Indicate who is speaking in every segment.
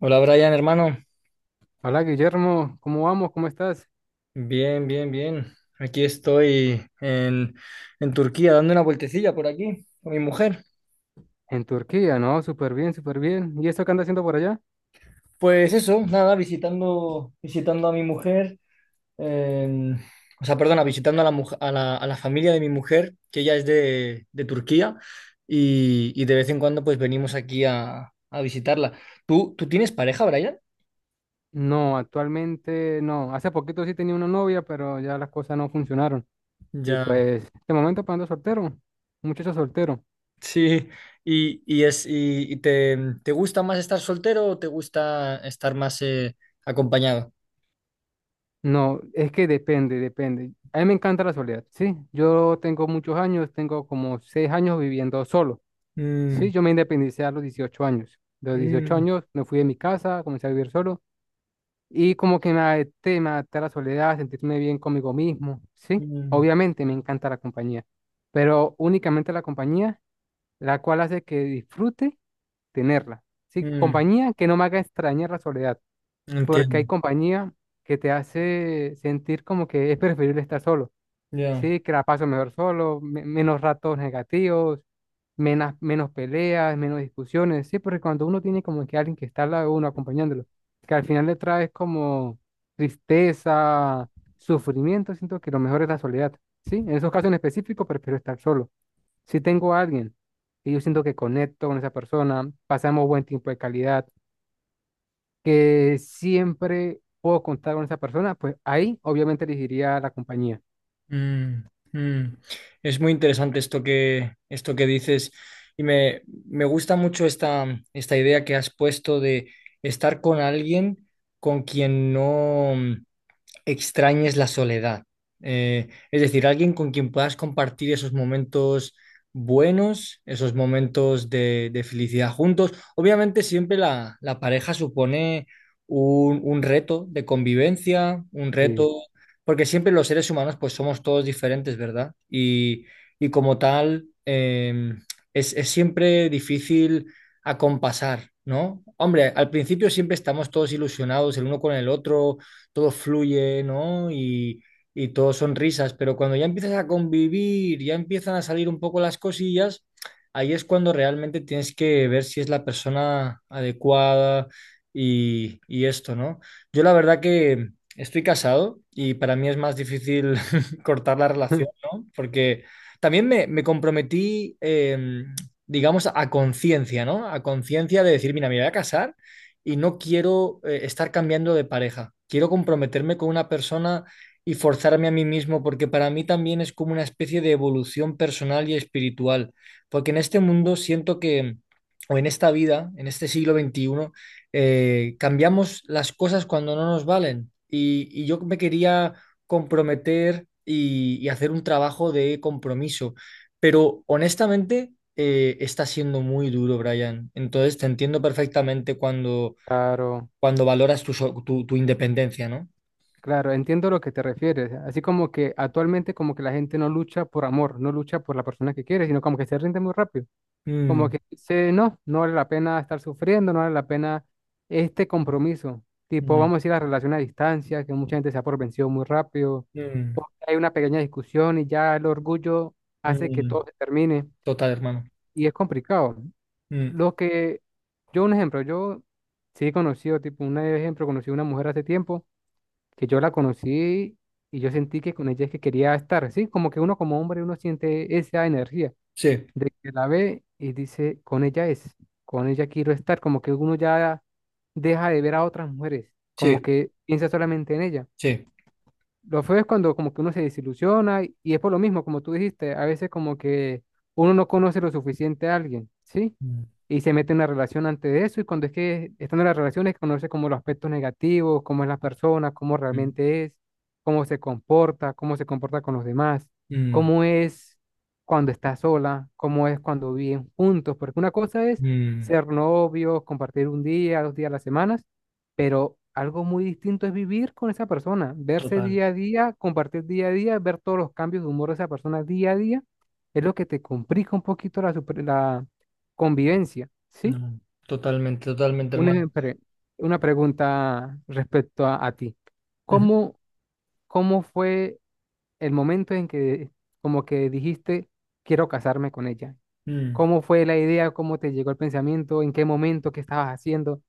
Speaker 1: Hola Brian, hermano.
Speaker 2: Hola Guillermo, ¿cómo vamos? ¿Cómo estás?
Speaker 1: Bien, bien, bien. Aquí estoy en Turquía dando una vueltecilla por aquí con mi mujer.
Speaker 2: En Turquía, ¿no? Súper bien, súper bien. ¿Y eso qué anda haciendo por allá?
Speaker 1: Pues eso, nada, visitando, visitando a mi mujer, eh, o sea, perdona, visitando a la familia de mi mujer, que ella es de Turquía, y de vez en cuando pues venimos aquí a visitarla. ¿Tú tienes pareja, Brian?
Speaker 2: No, actualmente no. Hace poquito sí tenía una novia, pero ya las cosas no funcionaron. Y
Speaker 1: Ya.
Speaker 2: pues, de momento pues, ando soltero, un muchacho soltero.
Speaker 1: Sí, y es, y te, ¿te gusta más estar soltero o te gusta estar más acompañado?
Speaker 2: No, es que depende, depende. A mí me encanta la soledad, ¿sí? Yo tengo muchos años, tengo como seis años viviendo solo, ¿sí?
Speaker 1: Mm,
Speaker 2: Yo me independicé a los 18 años. De los 18
Speaker 1: mm,
Speaker 2: años me fui de mi casa, comencé a vivir solo. Y como que me adapté a la soledad, a sentirme bien conmigo mismo, ¿sí?
Speaker 1: mm,
Speaker 2: Obviamente me encanta la compañía, pero únicamente la compañía, la cual hace que disfrute tenerla, ¿sí?
Speaker 1: mm,
Speaker 2: Compañía que no me haga extrañar la soledad, porque hay
Speaker 1: entiendo.
Speaker 2: compañía que te hace sentir como que es preferible estar solo.
Speaker 1: Ya.
Speaker 2: Sí, que la paso mejor solo, menos ratos negativos, menos, menos peleas, menos discusiones. Sí, porque cuando uno tiene como que alguien que está al lado de uno acompañándolo, que al final le trae como tristeza, sufrimiento, siento que lo mejor es la soledad. Sí, en esos casos en específico prefiero estar solo. Si tengo a alguien y yo siento que conecto con esa persona, pasamos buen tiempo de calidad, que siempre puedo contar con esa persona, pues ahí obviamente elegiría la compañía.
Speaker 1: Mm, mm. Es muy interesante esto que dices y me gusta mucho esta, esta idea que has puesto de estar con alguien con quien no extrañes la soledad. Es decir, alguien con quien puedas compartir esos momentos buenos, esos momentos de felicidad juntos. Obviamente siempre la, la pareja supone un reto de convivencia, un reto,
Speaker 2: Sí,
Speaker 1: porque siempre los seres humanos pues somos todos diferentes, ¿verdad? Y como tal, es siempre difícil acompasar, ¿no? Hombre, al principio siempre estamos todos ilusionados el uno con el otro, todo fluye, ¿no? Y todo son risas, pero cuando ya empiezas a convivir, ya empiezan a salir un poco las cosillas, ahí es cuando realmente tienes que ver si es la persona adecuada y esto, ¿no? Yo la verdad que estoy casado y para mí es más difícil cortar la relación, ¿no? Porque también me comprometí, digamos, a conciencia, ¿no? A conciencia de decir, mira, me voy a casar y no quiero estar cambiando de pareja. Quiero comprometerme con una persona y forzarme a mí mismo, porque para mí también es como una especie de evolución personal y espiritual, porque en este mundo siento que, o en esta vida, en este siglo XXI, cambiamos las cosas cuando no nos valen. Y yo me quería comprometer y hacer un trabajo de compromiso, pero honestamente, está siendo muy duro, Brian. Entonces te entiendo perfectamente cuando,
Speaker 2: claro.
Speaker 1: cuando valoras tu independencia, ¿no?
Speaker 2: Claro, entiendo lo que te refieres. Así como que actualmente como que la gente no lucha por amor, no lucha por la persona que quiere, sino como que se rinde muy rápido. Como
Speaker 1: Mm,
Speaker 2: que dice, no, no vale la pena estar sufriendo, no vale la pena este compromiso. Tipo,
Speaker 1: mm,
Speaker 2: vamos a decir la relación a distancia, que mucha gente se ha por vencido muy rápido.
Speaker 1: mm,
Speaker 2: O que hay una pequeña discusión y ya el orgullo hace que
Speaker 1: mm.
Speaker 2: todo se termine
Speaker 1: Total, hermano.
Speaker 2: y es complicado.
Speaker 1: Mm,
Speaker 2: Lo que, yo un ejemplo, yo sí he conocido, tipo, un ejemplo, conocí a una mujer hace tiempo que yo la conocí y yo sentí que con ella es que quería estar, ¿sí? Como que uno como hombre, uno siente esa energía
Speaker 1: sí,
Speaker 2: de que la ve y dice, con ella es, con ella quiero estar, como que uno ya deja de ver a otras mujeres,
Speaker 1: sí,
Speaker 2: como que piensa solamente en ella.
Speaker 1: sí.
Speaker 2: Lo feo es cuando como que uno se desilusiona y es por lo mismo, como tú dijiste, a veces como que uno no conoce lo suficiente a alguien, ¿sí?
Speaker 1: Mm,
Speaker 2: Y se mete en una relación antes de eso y cuando es que están en las relaciones conoce como los aspectos negativos, cómo es la persona, cómo
Speaker 1: mm,
Speaker 2: realmente es, cómo se comporta con los demás,
Speaker 1: mm,
Speaker 2: cómo es cuando está sola, cómo es cuando viven juntos, porque una cosa es
Speaker 1: mm.
Speaker 2: ser novios, compartir un día, dos días a la semana, pero algo muy distinto es vivir con esa persona, verse
Speaker 1: Total,
Speaker 2: día a día, compartir día a día, ver todos los cambios de humor de esa persona día a día, es lo que te complica un poquito la, la convivencia, ¿sí?
Speaker 1: no, totalmente, totalmente, hermano.
Speaker 2: Una, pre- una pregunta respecto a ti.
Speaker 1: Ujú.
Speaker 2: ¿Cómo, cómo fue el momento en que como que dijiste, quiero casarme con ella?
Speaker 1: Mm,
Speaker 2: ¿Cómo fue la idea? ¿Cómo te llegó el pensamiento? ¿En qué momento? ¿Qué estabas haciendo?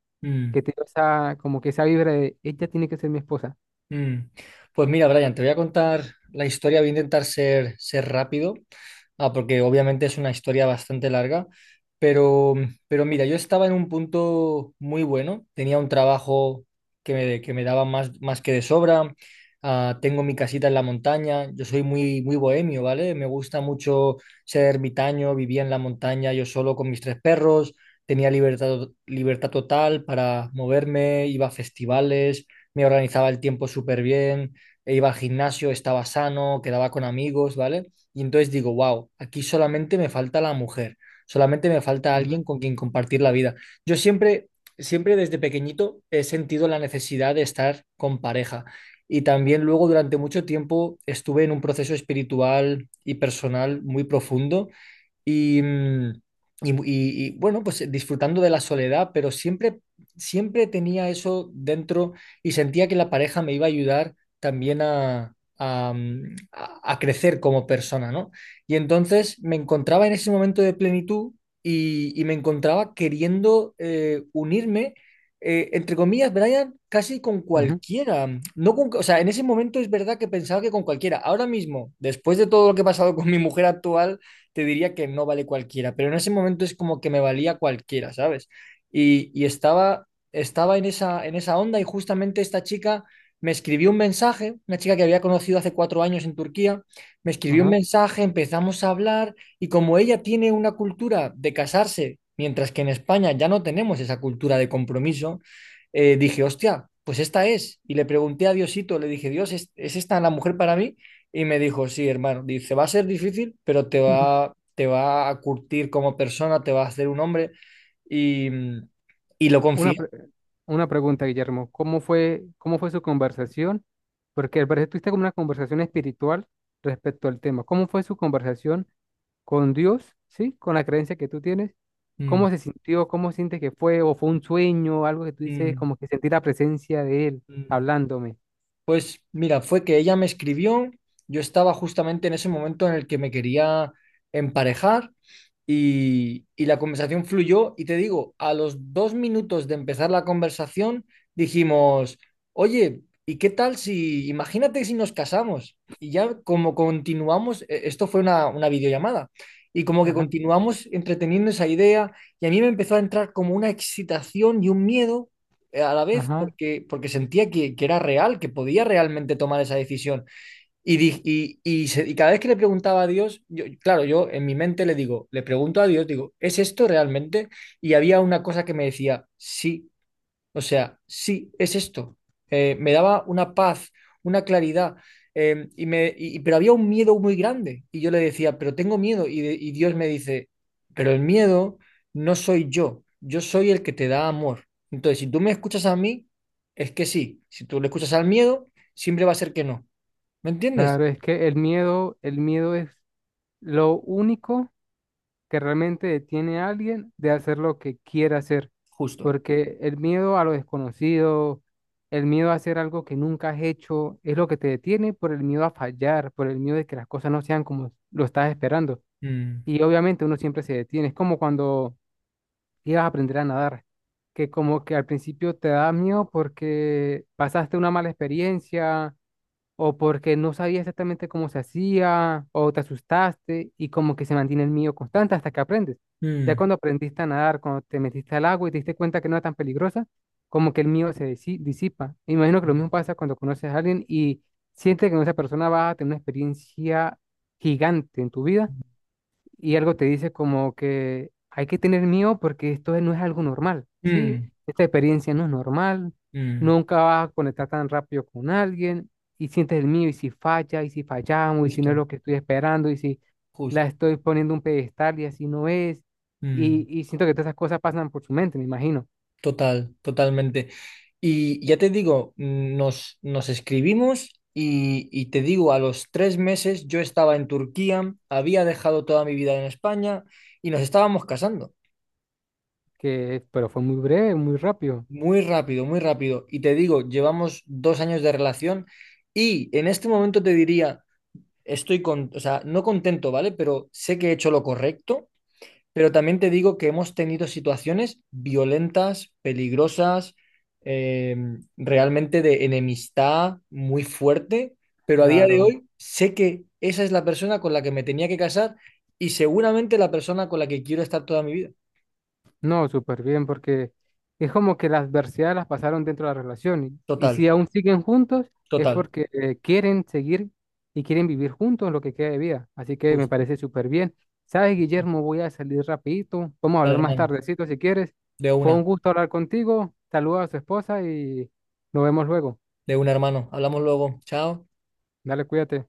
Speaker 2: Que
Speaker 1: mm.
Speaker 2: te dio esa, como que esa vibra de, ella tiene que ser mi esposa.
Speaker 1: Mm. Pues mira, Brian, te voy a contar la historia. Voy a intentar ser, ser rápido, ah, porque obviamente es una historia bastante larga. Pero, pero mira, yo estaba en un punto muy bueno. Tenía un trabajo que me daba más, más que de sobra. Ah, tengo mi casita en la montaña. Yo soy muy, muy bohemio, ¿vale? Me gusta mucho ser ermitaño. Vivía en la montaña yo solo con mis tres perros. Tenía libertad, libertad total para moverme. Iba a festivales, me organizaba el tiempo súper bien, e iba al gimnasio, estaba sano, quedaba con amigos, ¿vale? Y entonces digo, wow, aquí solamente me falta la mujer, solamente me falta alguien
Speaker 2: Ujú,
Speaker 1: con quien compartir la vida. Yo siempre, siempre desde pequeñito he sentido la necesidad de estar con pareja. Y también luego durante mucho tiempo estuve en un proceso espiritual y personal muy profundo y, mm, y, bueno, pues disfrutando de la soledad, pero siempre, siempre tenía eso dentro y sentía que la pareja me iba a ayudar también a, a crecer como persona, ¿no? Y entonces me encontraba en ese momento de plenitud y me encontraba queriendo unirme, entre comillas, Brian, casi con
Speaker 2: ujú,
Speaker 1: cualquiera. No con, o sea, en ese momento es verdad que pensaba que con cualquiera. Ahora mismo, después de todo lo que he pasado con mi mujer actual, te diría que no vale cualquiera, pero en ese momento es como que me valía cualquiera, ¿sabes? Y estaba, estaba en esa onda y justamente esta chica me escribió un mensaje, una chica que había conocido hace 4 años en Turquía, me escribió un
Speaker 2: ajá.
Speaker 1: mensaje, empezamos a hablar y como ella tiene una cultura de casarse, mientras que en España ya no tenemos esa cultura de compromiso, dije, hostia, pues esta es. Y le pregunté a Diosito, le dije, Dios, es esta la mujer para mí? Y me dijo, sí, hermano, dice, va a ser difícil, pero te va a curtir como persona, te va a hacer un hombre. Y, mm, y lo
Speaker 2: Una,
Speaker 1: confié.
Speaker 2: pre- una pregunta, Guillermo. Cómo fue su conversación? Porque al parecer tuviste como una conversación espiritual respecto al tema. ¿Cómo fue su conversación con Dios, sí? Con la creencia que tú tienes.
Speaker 1: Mm,
Speaker 2: ¿Cómo se sintió? ¿Cómo sientes que fue? ¿O fue un sueño? Algo que tú dices,
Speaker 1: mm,
Speaker 2: como que sentí la presencia de Él
Speaker 1: mm.
Speaker 2: hablándome.
Speaker 1: Pues mira, fue que ella me escribió, yo estaba justamente en ese momento en el que me quería emparejar y la conversación fluyó y te digo, a los 2 minutos de empezar la conversación dijimos, oye, ¿y qué tal si, imagínate si nos casamos? Y ya como continuamos, esto fue una videollamada, y como que
Speaker 2: Ajá,
Speaker 1: continuamos entreteniendo esa idea y a mí me empezó a entrar como una excitación y un miedo a la vez
Speaker 2: ajá.
Speaker 1: porque, porque sentía que era real, que podía realmente tomar esa decisión. Y cada vez que le preguntaba a Dios, yo, claro, yo en mi mente le digo, le pregunto a Dios, digo, ¿es esto realmente? Y había una cosa que me decía, sí, o sea, sí, es esto. Me daba una paz, una claridad, pero había un miedo muy grande. Y yo le decía, pero tengo miedo. Y Dios me dice, pero el miedo no soy yo, yo soy el que te da amor. Entonces, si tú me escuchas a mí, es que sí. Si tú le escuchas al miedo, siempre va a ser que no. ¿Me entiendes?
Speaker 2: Claro, es que el miedo es lo único que realmente detiene a alguien de hacer lo que quiere hacer.
Speaker 1: Justo.
Speaker 2: Porque el miedo a lo desconocido, el miedo a hacer algo que nunca has hecho, es lo que te detiene por el miedo a fallar, por el miedo de que las cosas no sean como lo estás esperando.
Speaker 1: Mm,
Speaker 2: Y obviamente uno siempre se detiene. Es como cuando ibas a aprender a nadar, que como que al principio te da miedo porque pasaste una mala experiencia o porque no sabía exactamente cómo se hacía, o te asustaste y como que se mantiene el miedo constante hasta que aprendes. Ya
Speaker 1: mm,
Speaker 2: cuando aprendiste a nadar, cuando te metiste al agua y te diste cuenta que no era tan peligrosa, como que el miedo se disipa. Me imagino que lo mismo pasa cuando conoces a alguien y sientes que con esa persona vas a tener una experiencia gigante en tu vida y algo te dice como que hay que tener miedo porque esto no es algo normal, ¿sí? Esta experiencia no es normal,
Speaker 1: mm, mm.
Speaker 2: nunca vas a conectar tan rápido con alguien y sientes el miedo y si falla y si fallamos y si no es
Speaker 1: Justo,
Speaker 2: lo que estoy esperando y si la
Speaker 1: justo.
Speaker 2: estoy poniendo un pedestal y así no es
Speaker 1: Mm.
Speaker 2: y siento que todas esas cosas pasan por su mente, me imagino,
Speaker 1: Total, totalmente. Y ya te digo, nos, nos escribimos y te digo, a los 3 meses yo estaba en Turquía, había dejado toda mi vida en España y nos estábamos casando.
Speaker 2: que pero fue muy breve, muy rápido,
Speaker 1: Muy rápido, muy rápido. Y te digo, llevamos 2 años de relación y en este momento te diría, estoy con, o sea, no contento, ¿vale? Pero sé que he hecho lo correcto. Pero también te digo que hemos tenido situaciones violentas, peligrosas, eh, realmente de enemistad muy fuerte, pero a día de
Speaker 2: claro.
Speaker 1: hoy sé que esa es la persona con la que me tenía que casar y seguramente la persona con la que quiero estar toda mi vida.
Speaker 2: No, súper bien, porque es como que las adversidades las pasaron dentro de la relación. Y
Speaker 1: Total,
Speaker 2: si aún siguen juntos, es
Speaker 1: total,
Speaker 2: porque quieren seguir y quieren vivir juntos lo que queda de vida. Así que me
Speaker 1: justo.
Speaker 2: parece súper bien. ¿Sabes, Guillermo? Voy a salir rapidito. Vamos a
Speaker 1: Vale,
Speaker 2: hablar más
Speaker 1: hermano,
Speaker 2: tardecito si quieres.
Speaker 1: de
Speaker 2: Fue un
Speaker 1: una,
Speaker 2: gusto hablar contigo. Saluda a su esposa y nos vemos luego.
Speaker 1: de una, hermano. Hablamos luego. Chao.
Speaker 2: Dale, cuídate.